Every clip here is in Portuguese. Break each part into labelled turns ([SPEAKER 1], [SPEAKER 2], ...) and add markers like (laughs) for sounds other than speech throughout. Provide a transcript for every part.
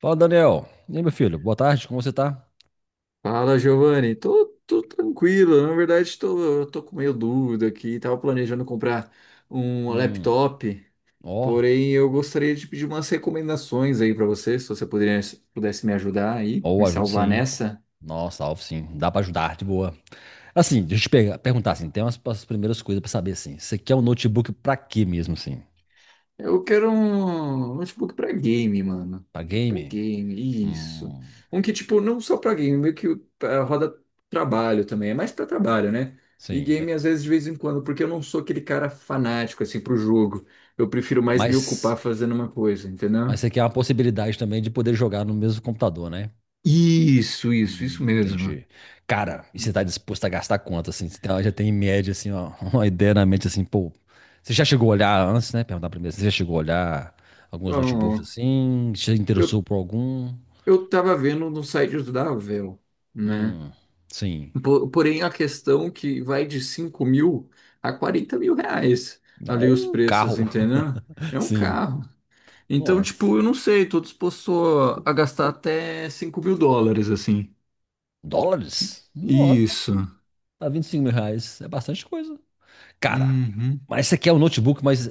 [SPEAKER 1] Fala, Daniel. E aí, meu filho? Boa tarde, como você tá?
[SPEAKER 2] Fala, Giovanni. Tô tranquilo. Na verdade, tô com meio dúvida aqui. Tava planejando comprar um
[SPEAKER 1] Hum,
[SPEAKER 2] laptop,
[SPEAKER 1] ó,
[SPEAKER 2] porém eu gostaria de pedir umas recomendações aí pra você, se você pudesse me ajudar aí, me
[SPEAKER 1] ajudo
[SPEAKER 2] salvar
[SPEAKER 1] sim.
[SPEAKER 2] nessa.
[SPEAKER 1] Nossa, Alvo, sim. Dá pra ajudar, de boa. Assim, deixa eu te perguntar, assim, tem umas primeiras coisas pra saber, assim. Você quer um notebook pra quê mesmo, assim?
[SPEAKER 2] Eu quero um notebook pra game, mano.
[SPEAKER 1] Pra
[SPEAKER 2] Pra
[SPEAKER 1] game?
[SPEAKER 2] game, isso.
[SPEAKER 1] Hum,
[SPEAKER 2] Um que, tipo, não só pra game, meio que roda trabalho também. É mais pra trabalho, né? E
[SPEAKER 1] sim.
[SPEAKER 2] game, às vezes, de vez em quando, porque eu não sou aquele cara fanático, assim, pro jogo. Eu prefiro mais me ocupar
[SPEAKER 1] Mas,
[SPEAKER 2] fazendo uma coisa, entendeu?
[SPEAKER 1] mas você quer uma possibilidade também de poder jogar no mesmo computador, né?
[SPEAKER 2] Isso, isso, isso mesmo.
[SPEAKER 1] Entendi. Cara, e você tá
[SPEAKER 2] Uhum.
[SPEAKER 1] disposto a gastar quanto, assim? Já tem em média, assim, ó, (laughs) uma ideia na mente, assim, pô. Você já chegou a olhar antes, né? Perguntar primeiro. Você já chegou a olhar alguns notebooks,
[SPEAKER 2] Bom,
[SPEAKER 1] assim? Você se
[SPEAKER 2] eu,
[SPEAKER 1] interessou por algum?
[SPEAKER 2] eu tava vendo no site da Valve, né?
[SPEAKER 1] Hum, sim.
[SPEAKER 2] Porém, a questão que vai de 5 mil a 40 mil reais ali os
[SPEAKER 1] Ou um
[SPEAKER 2] preços,
[SPEAKER 1] carro.
[SPEAKER 2] entendeu? É
[SPEAKER 1] (laughs)
[SPEAKER 2] um
[SPEAKER 1] Sim.
[SPEAKER 2] carro. Então,
[SPEAKER 1] Nossa.
[SPEAKER 2] tipo, eu não sei, tô disposto a gastar até 5 mil dólares, assim.
[SPEAKER 1] Dólares? Nossa,
[SPEAKER 2] Isso.
[SPEAKER 1] tá 25 mil reais. É bastante coisa. Cara,
[SPEAKER 2] Uhum.
[SPEAKER 1] mas você quer um notebook, mas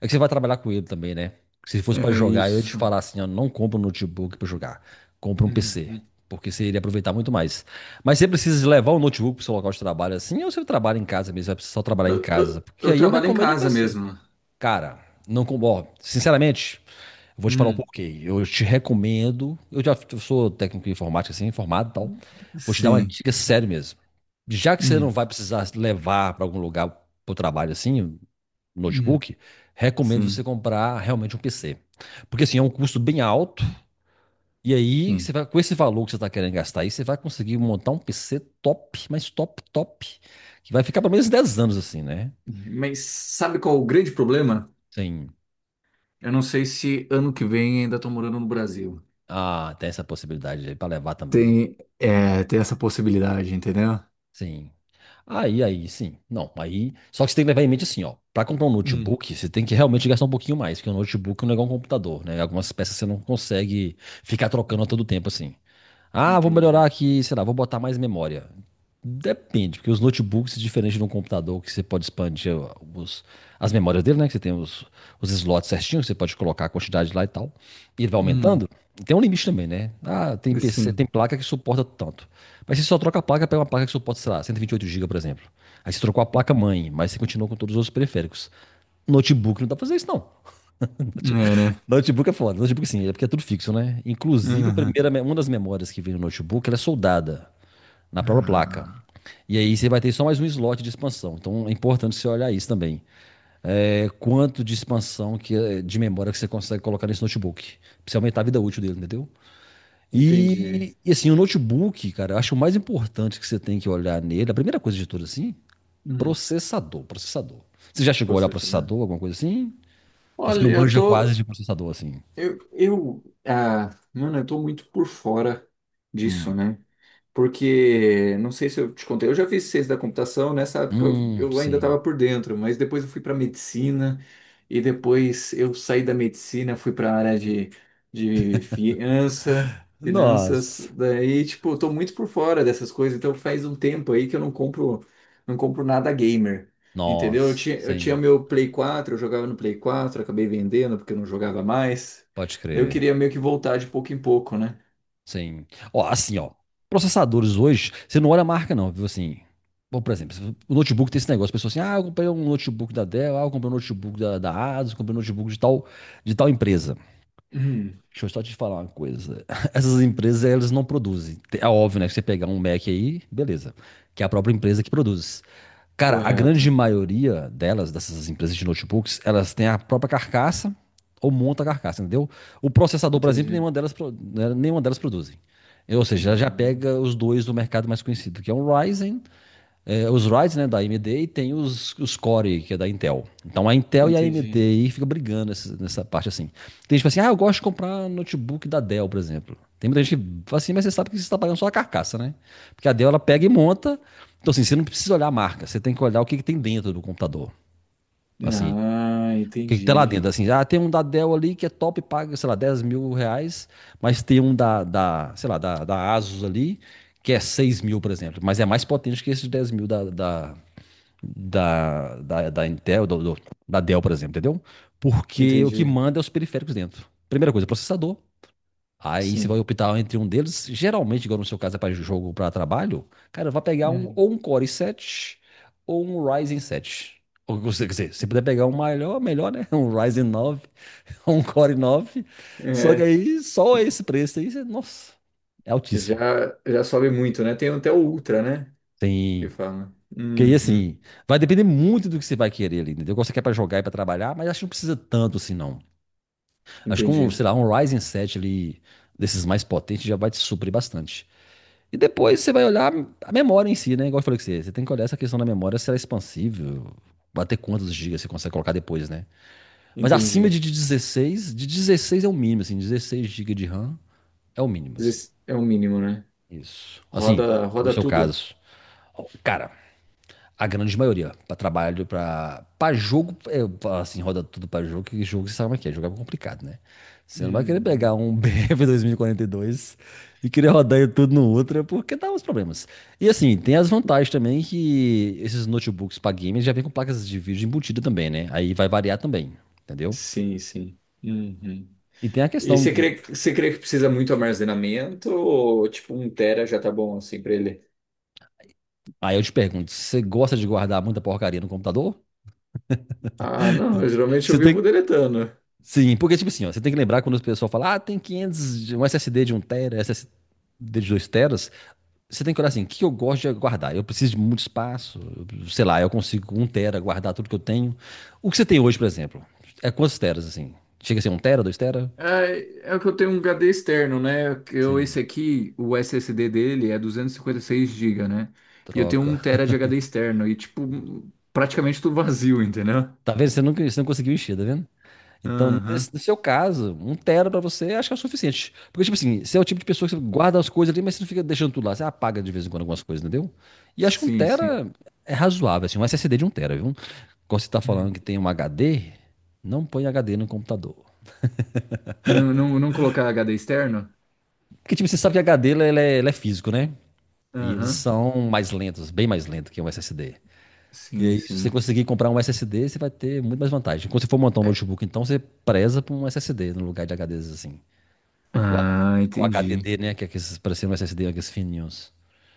[SPEAKER 1] é que você vai trabalhar com ele também, né? Se fosse pra
[SPEAKER 2] É
[SPEAKER 1] jogar, eu ia te
[SPEAKER 2] isso.
[SPEAKER 1] falar assim, ó, não compra um notebook pra jogar, compra um PC,
[SPEAKER 2] Uhum.
[SPEAKER 1] porque você iria aproveitar muito mais. Mas você precisa levar o notebook pro seu local de trabalho assim, ou você trabalha em casa mesmo, vai precisar só trabalhar em
[SPEAKER 2] Eu,
[SPEAKER 1] casa,
[SPEAKER 2] eu,
[SPEAKER 1] porque
[SPEAKER 2] eu
[SPEAKER 1] aí eu
[SPEAKER 2] trabalho em
[SPEAKER 1] recomendo um
[SPEAKER 2] casa
[SPEAKER 1] PC.
[SPEAKER 2] mesmo.
[SPEAKER 1] Cara, não com, ó, sinceramente, vou te falar o
[SPEAKER 2] Hum.
[SPEAKER 1] porquê. Eu te recomendo. Eu já eu sou técnico em informática, assim, formado e tal. Vou te dar uma
[SPEAKER 2] Sim.
[SPEAKER 1] dica séria mesmo. Já que você não
[SPEAKER 2] Hum.
[SPEAKER 1] vai precisar levar para algum lugar para o trabalho, assim,
[SPEAKER 2] Hum.
[SPEAKER 1] notebook, recomendo você
[SPEAKER 2] Sim.
[SPEAKER 1] comprar realmente um PC. Porque, assim, é um custo bem alto. E aí, você
[SPEAKER 2] Sim.
[SPEAKER 1] vai, com esse valor que você está querendo gastar aí, você vai conseguir montar um PC top, mas top, top. Que vai ficar pelo menos 10 anos, assim, né?
[SPEAKER 2] Mas sabe qual é o grande problema?
[SPEAKER 1] Sim.
[SPEAKER 2] Eu não sei se ano que vem ainda tô morando no Brasil.
[SPEAKER 1] Ah, tem essa possibilidade aí para levar também.
[SPEAKER 2] Tem, é, tem essa possibilidade, entendeu?
[SPEAKER 1] Sim. Aí, sim. Não, aí. Só que você tem que levar em mente assim, ó. Pra comprar um
[SPEAKER 2] Hum,
[SPEAKER 1] notebook, você tem que realmente gastar um pouquinho mais, porque um notebook não é igual um computador, né? Algumas peças você não consegue ficar trocando a todo tempo, assim. Ah, vou melhorar
[SPEAKER 2] Entendi.
[SPEAKER 1] aqui, sei lá, vou botar mais memória. Depende, porque os notebooks, é diferente de um computador, que você pode expandir os- as memórias dele, né? Que você tem os slots certinhos, você pode colocar a quantidade lá e tal. E ele vai
[SPEAKER 2] Hum,
[SPEAKER 1] aumentando. E tem um limite também, né? Ah, tem PC, tem
[SPEAKER 2] sim,
[SPEAKER 1] placa que suporta tanto. Mas você só troca a placa, pega uma placa que suporta, sei lá, 128 GB, por exemplo. Aí você trocou a placa mãe, mas você continua com todos os outros periféricos. Notebook não dá pra fazer isso, não.
[SPEAKER 2] é, né?
[SPEAKER 1] (laughs) Notebook é foda. Notebook sim, é porque é tudo fixo, né? Inclusive, a
[SPEAKER 2] Aham.
[SPEAKER 1] primeira, uma das memórias que vem no notebook, ela é soldada na própria placa.
[SPEAKER 2] Ah,
[SPEAKER 1] E aí você vai ter só mais um slot de expansão. Então é importante você olhar isso também. É, quanto de expansão que, é, de memória que você consegue colocar nesse notebook. Pra você aumentar a vida útil dele, entendeu?
[SPEAKER 2] entendi.
[SPEAKER 1] E, assim, o notebook, cara, eu acho o mais importante que você tem que olhar nele, a primeira coisa de tudo assim,
[SPEAKER 2] Hum.
[SPEAKER 1] processador. Você já chegou a olhar
[SPEAKER 2] Você também.
[SPEAKER 1] processador, alguma coisa assim? Ou você não
[SPEAKER 2] Olha, eu
[SPEAKER 1] manja quase
[SPEAKER 2] tô.
[SPEAKER 1] de processador assim?
[SPEAKER 2] Mano, eu tô muito por fora disso, né? Porque, não sei se eu te contei, eu já fiz ciência da computação, nessa época eu ainda
[SPEAKER 1] Sim.
[SPEAKER 2] estava por dentro, mas depois eu fui para medicina, e depois eu saí da medicina, fui para a área de finanças,
[SPEAKER 1] Nossa,
[SPEAKER 2] daí, tipo, eu tô muito por fora dessas coisas, então faz um tempo aí que eu não compro, não compro nada gamer, entendeu?
[SPEAKER 1] nossa,
[SPEAKER 2] Eu tinha
[SPEAKER 1] sim,
[SPEAKER 2] meu Play 4, eu jogava no Play 4, acabei vendendo porque eu não jogava mais,
[SPEAKER 1] pode
[SPEAKER 2] daí eu
[SPEAKER 1] crer,
[SPEAKER 2] queria meio que voltar de pouco em pouco, né?
[SPEAKER 1] sim. Ó, assim, ó, processadores hoje, você não olha a marca não, viu, assim. Bom, por exemplo, o notebook tem esse negócio, a pessoa assim, ah, eu comprei um notebook da Dell, ah, eu comprei um notebook da Asus, eu comprei um notebook de tal empresa.
[SPEAKER 2] Hum,
[SPEAKER 1] Deixa eu só te falar uma coisa, (laughs) essas empresas, elas não produzem. É óbvio, né, que você pegar um Mac aí, beleza, que é a própria empresa que produz. Cara, a grande
[SPEAKER 2] correto,
[SPEAKER 1] maioria delas, dessas empresas de notebooks, elas têm a própria carcaça ou monta a carcaça, entendeu? O processador, por exemplo,
[SPEAKER 2] entendi.
[SPEAKER 1] nenhuma delas, nenhuma delas produzem. Ou seja, ela já
[SPEAKER 2] Ah,
[SPEAKER 1] pega os dois do mercado mais conhecido, que é um Ryzen é, os rides, né, da AMD e tem os Core, que é da Intel. Então a Intel e a AMD
[SPEAKER 2] entendi.
[SPEAKER 1] aí fica brigando nessa parte assim. Tem gente que fala assim, ah, eu gosto de comprar notebook da Dell, por exemplo. Tem muita gente que fala assim, mas você sabe que você está pagando só a carcaça, né? Porque a Dell ela pega e monta. Então assim, você não precisa olhar a marca, você tem que olhar o que tem dentro do computador. Assim, o
[SPEAKER 2] Ah,
[SPEAKER 1] que, que tem lá dentro?
[SPEAKER 2] entendi.
[SPEAKER 1] Assim, ah, tem um da Dell ali que é top, paga, sei lá, 10 mil reais, mas tem um da sei lá, da Asus ali que é 6 mil, por exemplo, mas é mais potente que esse de 10 mil da Intel, da Dell, por exemplo, entendeu? Porque o que
[SPEAKER 2] Entendi.
[SPEAKER 1] manda é os periféricos dentro. Primeira coisa, processador. Aí você vai
[SPEAKER 2] Sim.
[SPEAKER 1] optar entre um deles. Geralmente, igual no seu caso é para jogo, para trabalho, cara, vai pegar um,
[SPEAKER 2] Hum.
[SPEAKER 1] ou um Core i7 ou um Ryzen 7. Ou, quer dizer, se puder pegar um melhor, melhor, né? (laughs) Um Ryzen 9 (laughs) um Core 9. Só que
[SPEAKER 2] É,
[SPEAKER 1] aí, só esse preço aí, nossa, é altíssimo.
[SPEAKER 2] já sobe muito, né? Tem até o Ultra, né? Que
[SPEAKER 1] Tem.
[SPEAKER 2] fala.
[SPEAKER 1] Porque aí,
[SPEAKER 2] Uhum.
[SPEAKER 1] assim, vai depender muito do que você vai querer ali, entendeu? Qual você quer pra jogar e pra trabalhar, mas acho que não precisa tanto assim, não. Acho que um,
[SPEAKER 2] Entendi.
[SPEAKER 1] sei lá, um Ryzen 7 ali, desses mais potentes, já vai te suprir bastante. E depois você vai olhar a memória em si, né? Igual eu falei com você, você tem que olhar essa questão da memória, se ela é expansível, bater quantos gigas você consegue colocar depois, né? Mas acima
[SPEAKER 2] Entendi.
[SPEAKER 1] de 16 é o mínimo, assim, 16 gigas de RAM é o mínimo,
[SPEAKER 2] Mas
[SPEAKER 1] assim.
[SPEAKER 2] esse é o mínimo, né?
[SPEAKER 1] Isso. Assim, no
[SPEAKER 2] Roda
[SPEAKER 1] seu
[SPEAKER 2] tudo.
[SPEAKER 1] caso. Ó, cara, a grande maioria, para trabalho, para jogo, é, assim, roda tudo para jogo, que jogo você sabe como é que é, jogo é complicado, né? Você não vai querer
[SPEAKER 2] Uhum.
[SPEAKER 1] pegar um (laughs) BF 2042 e quarenta e dois e querer rodar ele tudo no Ultra, porque dá uns problemas. E assim, tem as vantagens também que esses notebooks para games já vem com placas de vídeo embutida também, né? Aí vai variar também, entendeu?
[SPEAKER 2] Sim, sim. Uhum.
[SPEAKER 1] E tem a
[SPEAKER 2] E
[SPEAKER 1] questão de.
[SPEAKER 2] você crê que precisa muito armazenamento ou tipo 1 TB já tá bom assim pra ele?
[SPEAKER 1] Aí eu te pergunto, você gosta de guardar muita porcaria no computador?
[SPEAKER 2] Ah, não, geralmente eu
[SPEAKER 1] Você
[SPEAKER 2] vivo
[SPEAKER 1] tem,
[SPEAKER 2] deletando.
[SPEAKER 1] Sim, porque, tipo assim, ó, você tem que lembrar quando o pessoal fala, ah, tem 500, um SSD de um tera, SSD de 2 teras, você tem que olhar assim, o que eu gosto de guardar? Eu preciso de muito espaço, sei lá, eu consigo com 1 tera guardar tudo que eu tenho. O que você tem hoje, por exemplo, é quantos teras, assim? Chega a ser 1 tera, 2 tera?
[SPEAKER 2] É, é que eu tenho um HD externo, né? Que eu, esse
[SPEAKER 1] Sim,
[SPEAKER 2] aqui, o SSD dele é 256 GB, né? E eu tenho um
[SPEAKER 1] troca.
[SPEAKER 2] tera de HD externo e, tipo, um, praticamente tudo vazio, entendeu?
[SPEAKER 1] Tá vendo? Você não conseguiu encher, tá vendo? Então,
[SPEAKER 2] Aham.
[SPEAKER 1] no seu caso, um tera pra você acho que é o suficiente. Porque, tipo assim, você é o tipo de pessoa que você guarda as coisas ali, mas você não fica deixando tudo lá. Você apaga de vez em quando algumas coisas, entendeu? E acho que um
[SPEAKER 2] Sim, sim.
[SPEAKER 1] tera é razoável, assim, um SSD de um tera, viu? Quando você tá
[SPEAKER 2] Hum.
[SPEAKER 1] falando que tem um HD, não põe HD no computador.
[SPEAKER 2] Não, não, não colocar HD externo?
[SPEAKER 1] Porque, tipo, você sabe que ele é físico, né? E eles
[SPEAKER 2] Aham.
[SPEAKER 1] são mais lentos, bem mais lentos que um SSD. E
[SPEAKER 2] Sim,
[SPEAKER 1] aí, se você
[SPEAKER 2] sim.
[SPEAKER 1] conseguir comprar um SSD, você vai ter muito mais vantagem. Quando você for montar um
[SPEAKER 2] É-
[SPEAKER 1] notebook, então, você preza por um SSD no lugar de HDs, assim. O
[SPEAKER 2] Ah,
[SPEAKER 1] HDD, O
[SPEAKER 2] entendi.
[SPEAKER 1] HDD, né? Que é aqueles parecendo um SSD, aqueles fininhos.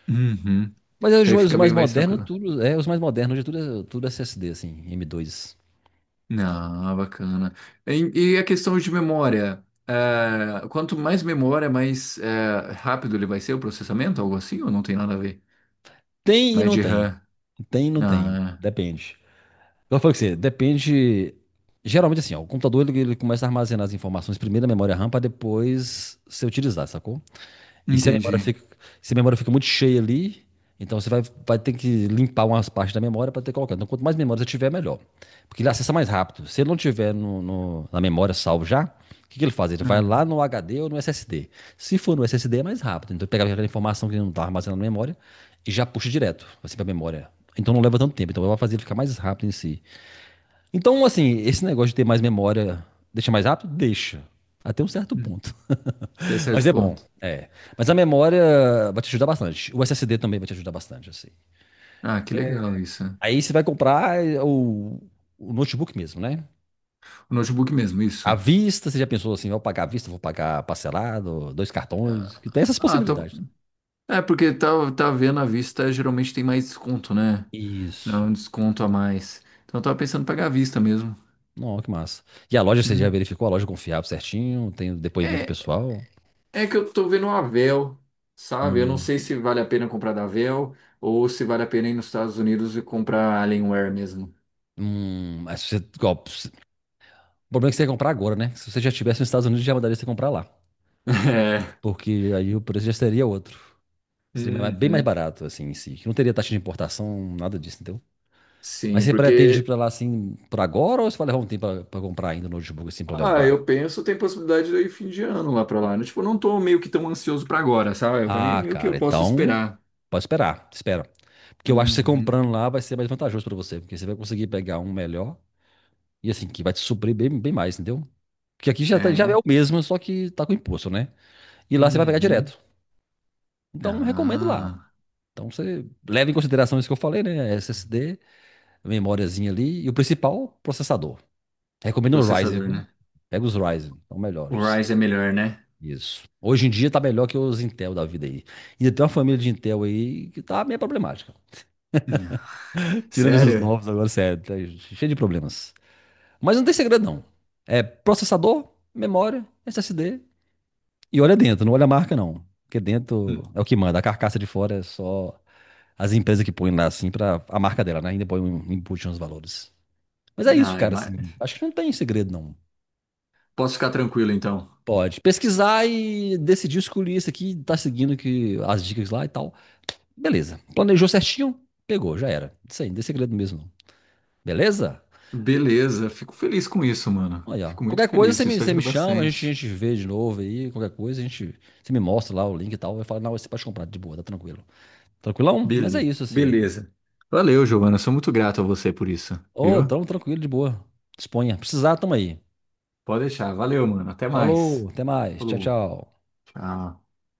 [SPEAKER 2] Uhum.
[SPEAKER 1] Mas é
[SPEAKER 2] Aí
[SPEAKER 1] os
[SPEAKER 2] fica
[SPEAKER 1] mais
[SPEAKER 2] bem mais
[SPEAKER 1] modernos,
[SPEAKER 2] tranquilo.
[SPEAKER 1] tudo. É, os mais modernos, hoje tudo, tudo é SSD, assim, M2.
[SPEAKER 2] Ah, bacana. E a questão de memória? É, quanto mais memória, mais é, rápido ele vai ser o processamento, algo assim, ou não tem nada a ver?
[SPEAKER 1] Tem e
[SPEAKER 2] Mais
[SPEAKER 1] não
[SPEAKER 2] de
[SPEAKER 1] tem.
[SPEAKER 2] RAM. Ah,
[SPEAKER 1] Depende. Eu falei com você, depende. Geralmente, assim, ó, o computador ele começa a armazenar as informações primeiro na memória RAM para depois ser utilizado, sacou?
[SPEAKER 2] é,
[SPEAKER 1] E
[SPEAKER 2] entendi.
[SPEAKER 1] se a memória fica muito cheia ali, então você vai, vai ter que limpar umas partes da memória para ter colocado. Então, quanto mais memória você tiver, melhor. Porque ele acessa mais rápido. Se ele não tiver na memória salvo já, o que ele faz? Ele vai
[SPEAKER 2] Ah,
[SPEAKER 1] lá no HD ou no SSD. Se for no SSD, é mais rápido. Então, ele pega aquela informação que ele não está armazenando na memória e já puxa direto, assim, para a memória. Então, não leva tanto tempo. Então, vai fazer ele ficar mais rápido em si. Então, assim, esse negócio de ter mais memória deixa mais rápido? Deixa. Até um certo
[SPEAKER 2] hum,
[SPEAKER 1] ponto.
[SPEAKER 2] até
[SPEAKER 1] Mas
[SPEAKER 2] certo
[SPEAKER 1] é bom.
[SPEAKER 2] ponto.
[SPEAKER 1] É. Mas a memória vai te ajudar bastante. O SSD também vai te ajudar bastante, assim.
[SPEAKER 2] Ah, que legal isso.
[SPEAKER 1] Aí você vai comprar o notebook mesmo, né?
[SPEAKER 2] O notebook mesmo,
[SPEAKER 1] À
[SPEAKER 2] isso.
[SPEAKER 1] vista, você já pensou assim, vou pagar à vista, vou pagar parcelado, dois cartões, que tem essas
[SPEAKER 2] Ah, tá.
[SPEAKER 1] possibilidades, né?
[SPEAKER 2] É porque tá, tá vendo à vista, geralmente tem mais desconto, né? Não,
[SPEAKER 1] Isso.
[SPEAKER 2] um desconto a mais. Então eu tava pensando em pagar à vista mesmo.
[SPEAKER 1] Não, que massa. E a loja, você já
[SPEAKER 2] Hum.
[SPEAKER 1] verificou a loja é confiável certinho, tem o depoimento
[SPEAKER 2] É,
[SPEAKER 1] pessoal.
[SPEAKER 2] é que eu tô vendo uma Vel, sabe? Eu não
[SPEAKER 1] Hum,
[SPEAKER 2] sei se vale a pena comprar da Vel ou se vale a pena ir nos Estados Unidos e comprar Alienware mesmo. (laughs)
[SPEAKER 1] mas você, igual, o problema é que você ia comprar agora, né? Se você já estivesse nos Estados Unidos, já mandaria você comprar lá.
[SPEAKER 2] É.
[SPEAKER 1] Porque aí o preço já seria outro. Bem mais
[SPEAKER 2] Uhum.
[SPEAKER 1] barato, assim, em si. Que não teria taxa de importação, nada disso, entendeu? Mas
[SPEAKER 2] Sim,
[SPEAKER 1] você pretende ir
[SPEAKER 2] porque
[SPEAKER 1] pra lá, assim, por agora ou você vai levar um tempo pra comprar ainda o notebook, assim, pra
[SPEAKER 2] ah,
[SPEAKER 1] levar?
[SPEAKER 2] eu penso tem possibilidade de eu ir fim de ano lá pra lá. Tipo, eu não tô meio que tão ansioso pra agora, sabe? Pra mim é
[SPEAKER 1] Ah,
[SPEAKER 2] meio que
[SPEAKER 1] cara,
[SPEAKER 2] eu posso
[SPEAKER 1] então.
[SPEAKER 2] esperar.
[SPEAKER 1] Pode esperar, espera. Porque eu acho que você
[SPEAKER 2] Uhum.
[SPEAKER 1] comprando lá vai ser mais vantajoso pra você, porque você vai conseguir pegar um melhor e, assim, que vai te suprir bem, bem mais, entendeu? Porque aqui já,
[SPEAKER 2] É,
[SPEAKER 1] já é o
[SPEAKER 2] né?
[SPEAKER 1] mesmo, só que tá com imposto, né? E lá você vai pegar
[SPEAKER 2] Uhum.
[SPEAKER 1] direto. Então, recomendo lá.
[SPEAKER 2] Ah,
[SPEAKER 1] Então, você leva em consideração isso que eu falei, né? SSD, memóriazinha ali e o principal, processador. Recomendo o Ryzen,
[SPEAKER 2] processador,
[SPEAKER 1] viu?
[SPEAKER 2] né?
[SPEAKER 1] Pega os Ryzen, são
[SPEAKER 2] O
[SPEAKER 1] melhores.
[SPEAKER 2] Ryzen é melhor, né?
[SPEAKER 1] Isso. Hoje em dia tá melhor que os Intel da vida aí. Ainda tem uma família de Intel aí que tá meio problemática. (laughs) Tirando esses
[SPEAKER 2] Sério?
[SPEAKER 1] novos agora, sério, tá cheio de problemas. Mas não tem segredo, não. É processador, memória, SSD. E olha dentro, não olha a marca, não. Porque dentro é o que manda. A carcaça de fora é só as empresas que põem lá, assim, pra a marca dela, né? Ainda põe um input nos valores. Mas é isso,
[SPEAKER 2] Ai,
[SPEAKER 1] cara,
[SPEAKER 2] mas
[SPEAKER 1] assim. Acho que não tem segredo, não.
[SPEAKER 2] posso ficar tranquilo então.
[SPEAKER 1] Pode pesquisar e decidir escolher isso aqui, tá seguindo que, as dicas lá e tal. Beleza. Planejou certinho, pegou, já era. Isso aí, não tem segredo mesmo, não. Beleza?
[SPEAKER 2] Beleza, fico feliz com isso, mano.
[SPEAKER 1] Olha, ó.
[SPEAKER 2] Fico muito
[SPEAKER 1] Qualquer coisa
[SPEAKER 2] feliz, isso
[SPEAKER 1] você me
[SPEAKER 2] ajuda
[SPEAKER 1] chama, a
[SPEAKER 2] bastante.
[SPEAKER 1] gente vê de novo aí, qualquer coisa, a gente, você me mostra lá o link e tal. Eu falo, não, você pode comprar de boa, tá tranquilo. Tranquilão? Mas é isso, assim.
[SPEAKER 2] Beleza. Valeu, Giovana, sou muito grato a você por isso,
[SPEAKER 1] Ô,
[SPEAKER 2] viu?
[SPEAKER 1] tamo tranquilo, de boa. Disponha. Precisar, tamo aí.
[SPEAKER 2] Pode deixar, valeu, mano. Até
[SPEAKER 1] Falou,
[SPEAKER 2] mais.
[SPEAKER 1] até mais. Tchau,
[SPEAKER 2] Falou.
[SPEAKER 1] tchau.
[SPEAKER 2] Tchau.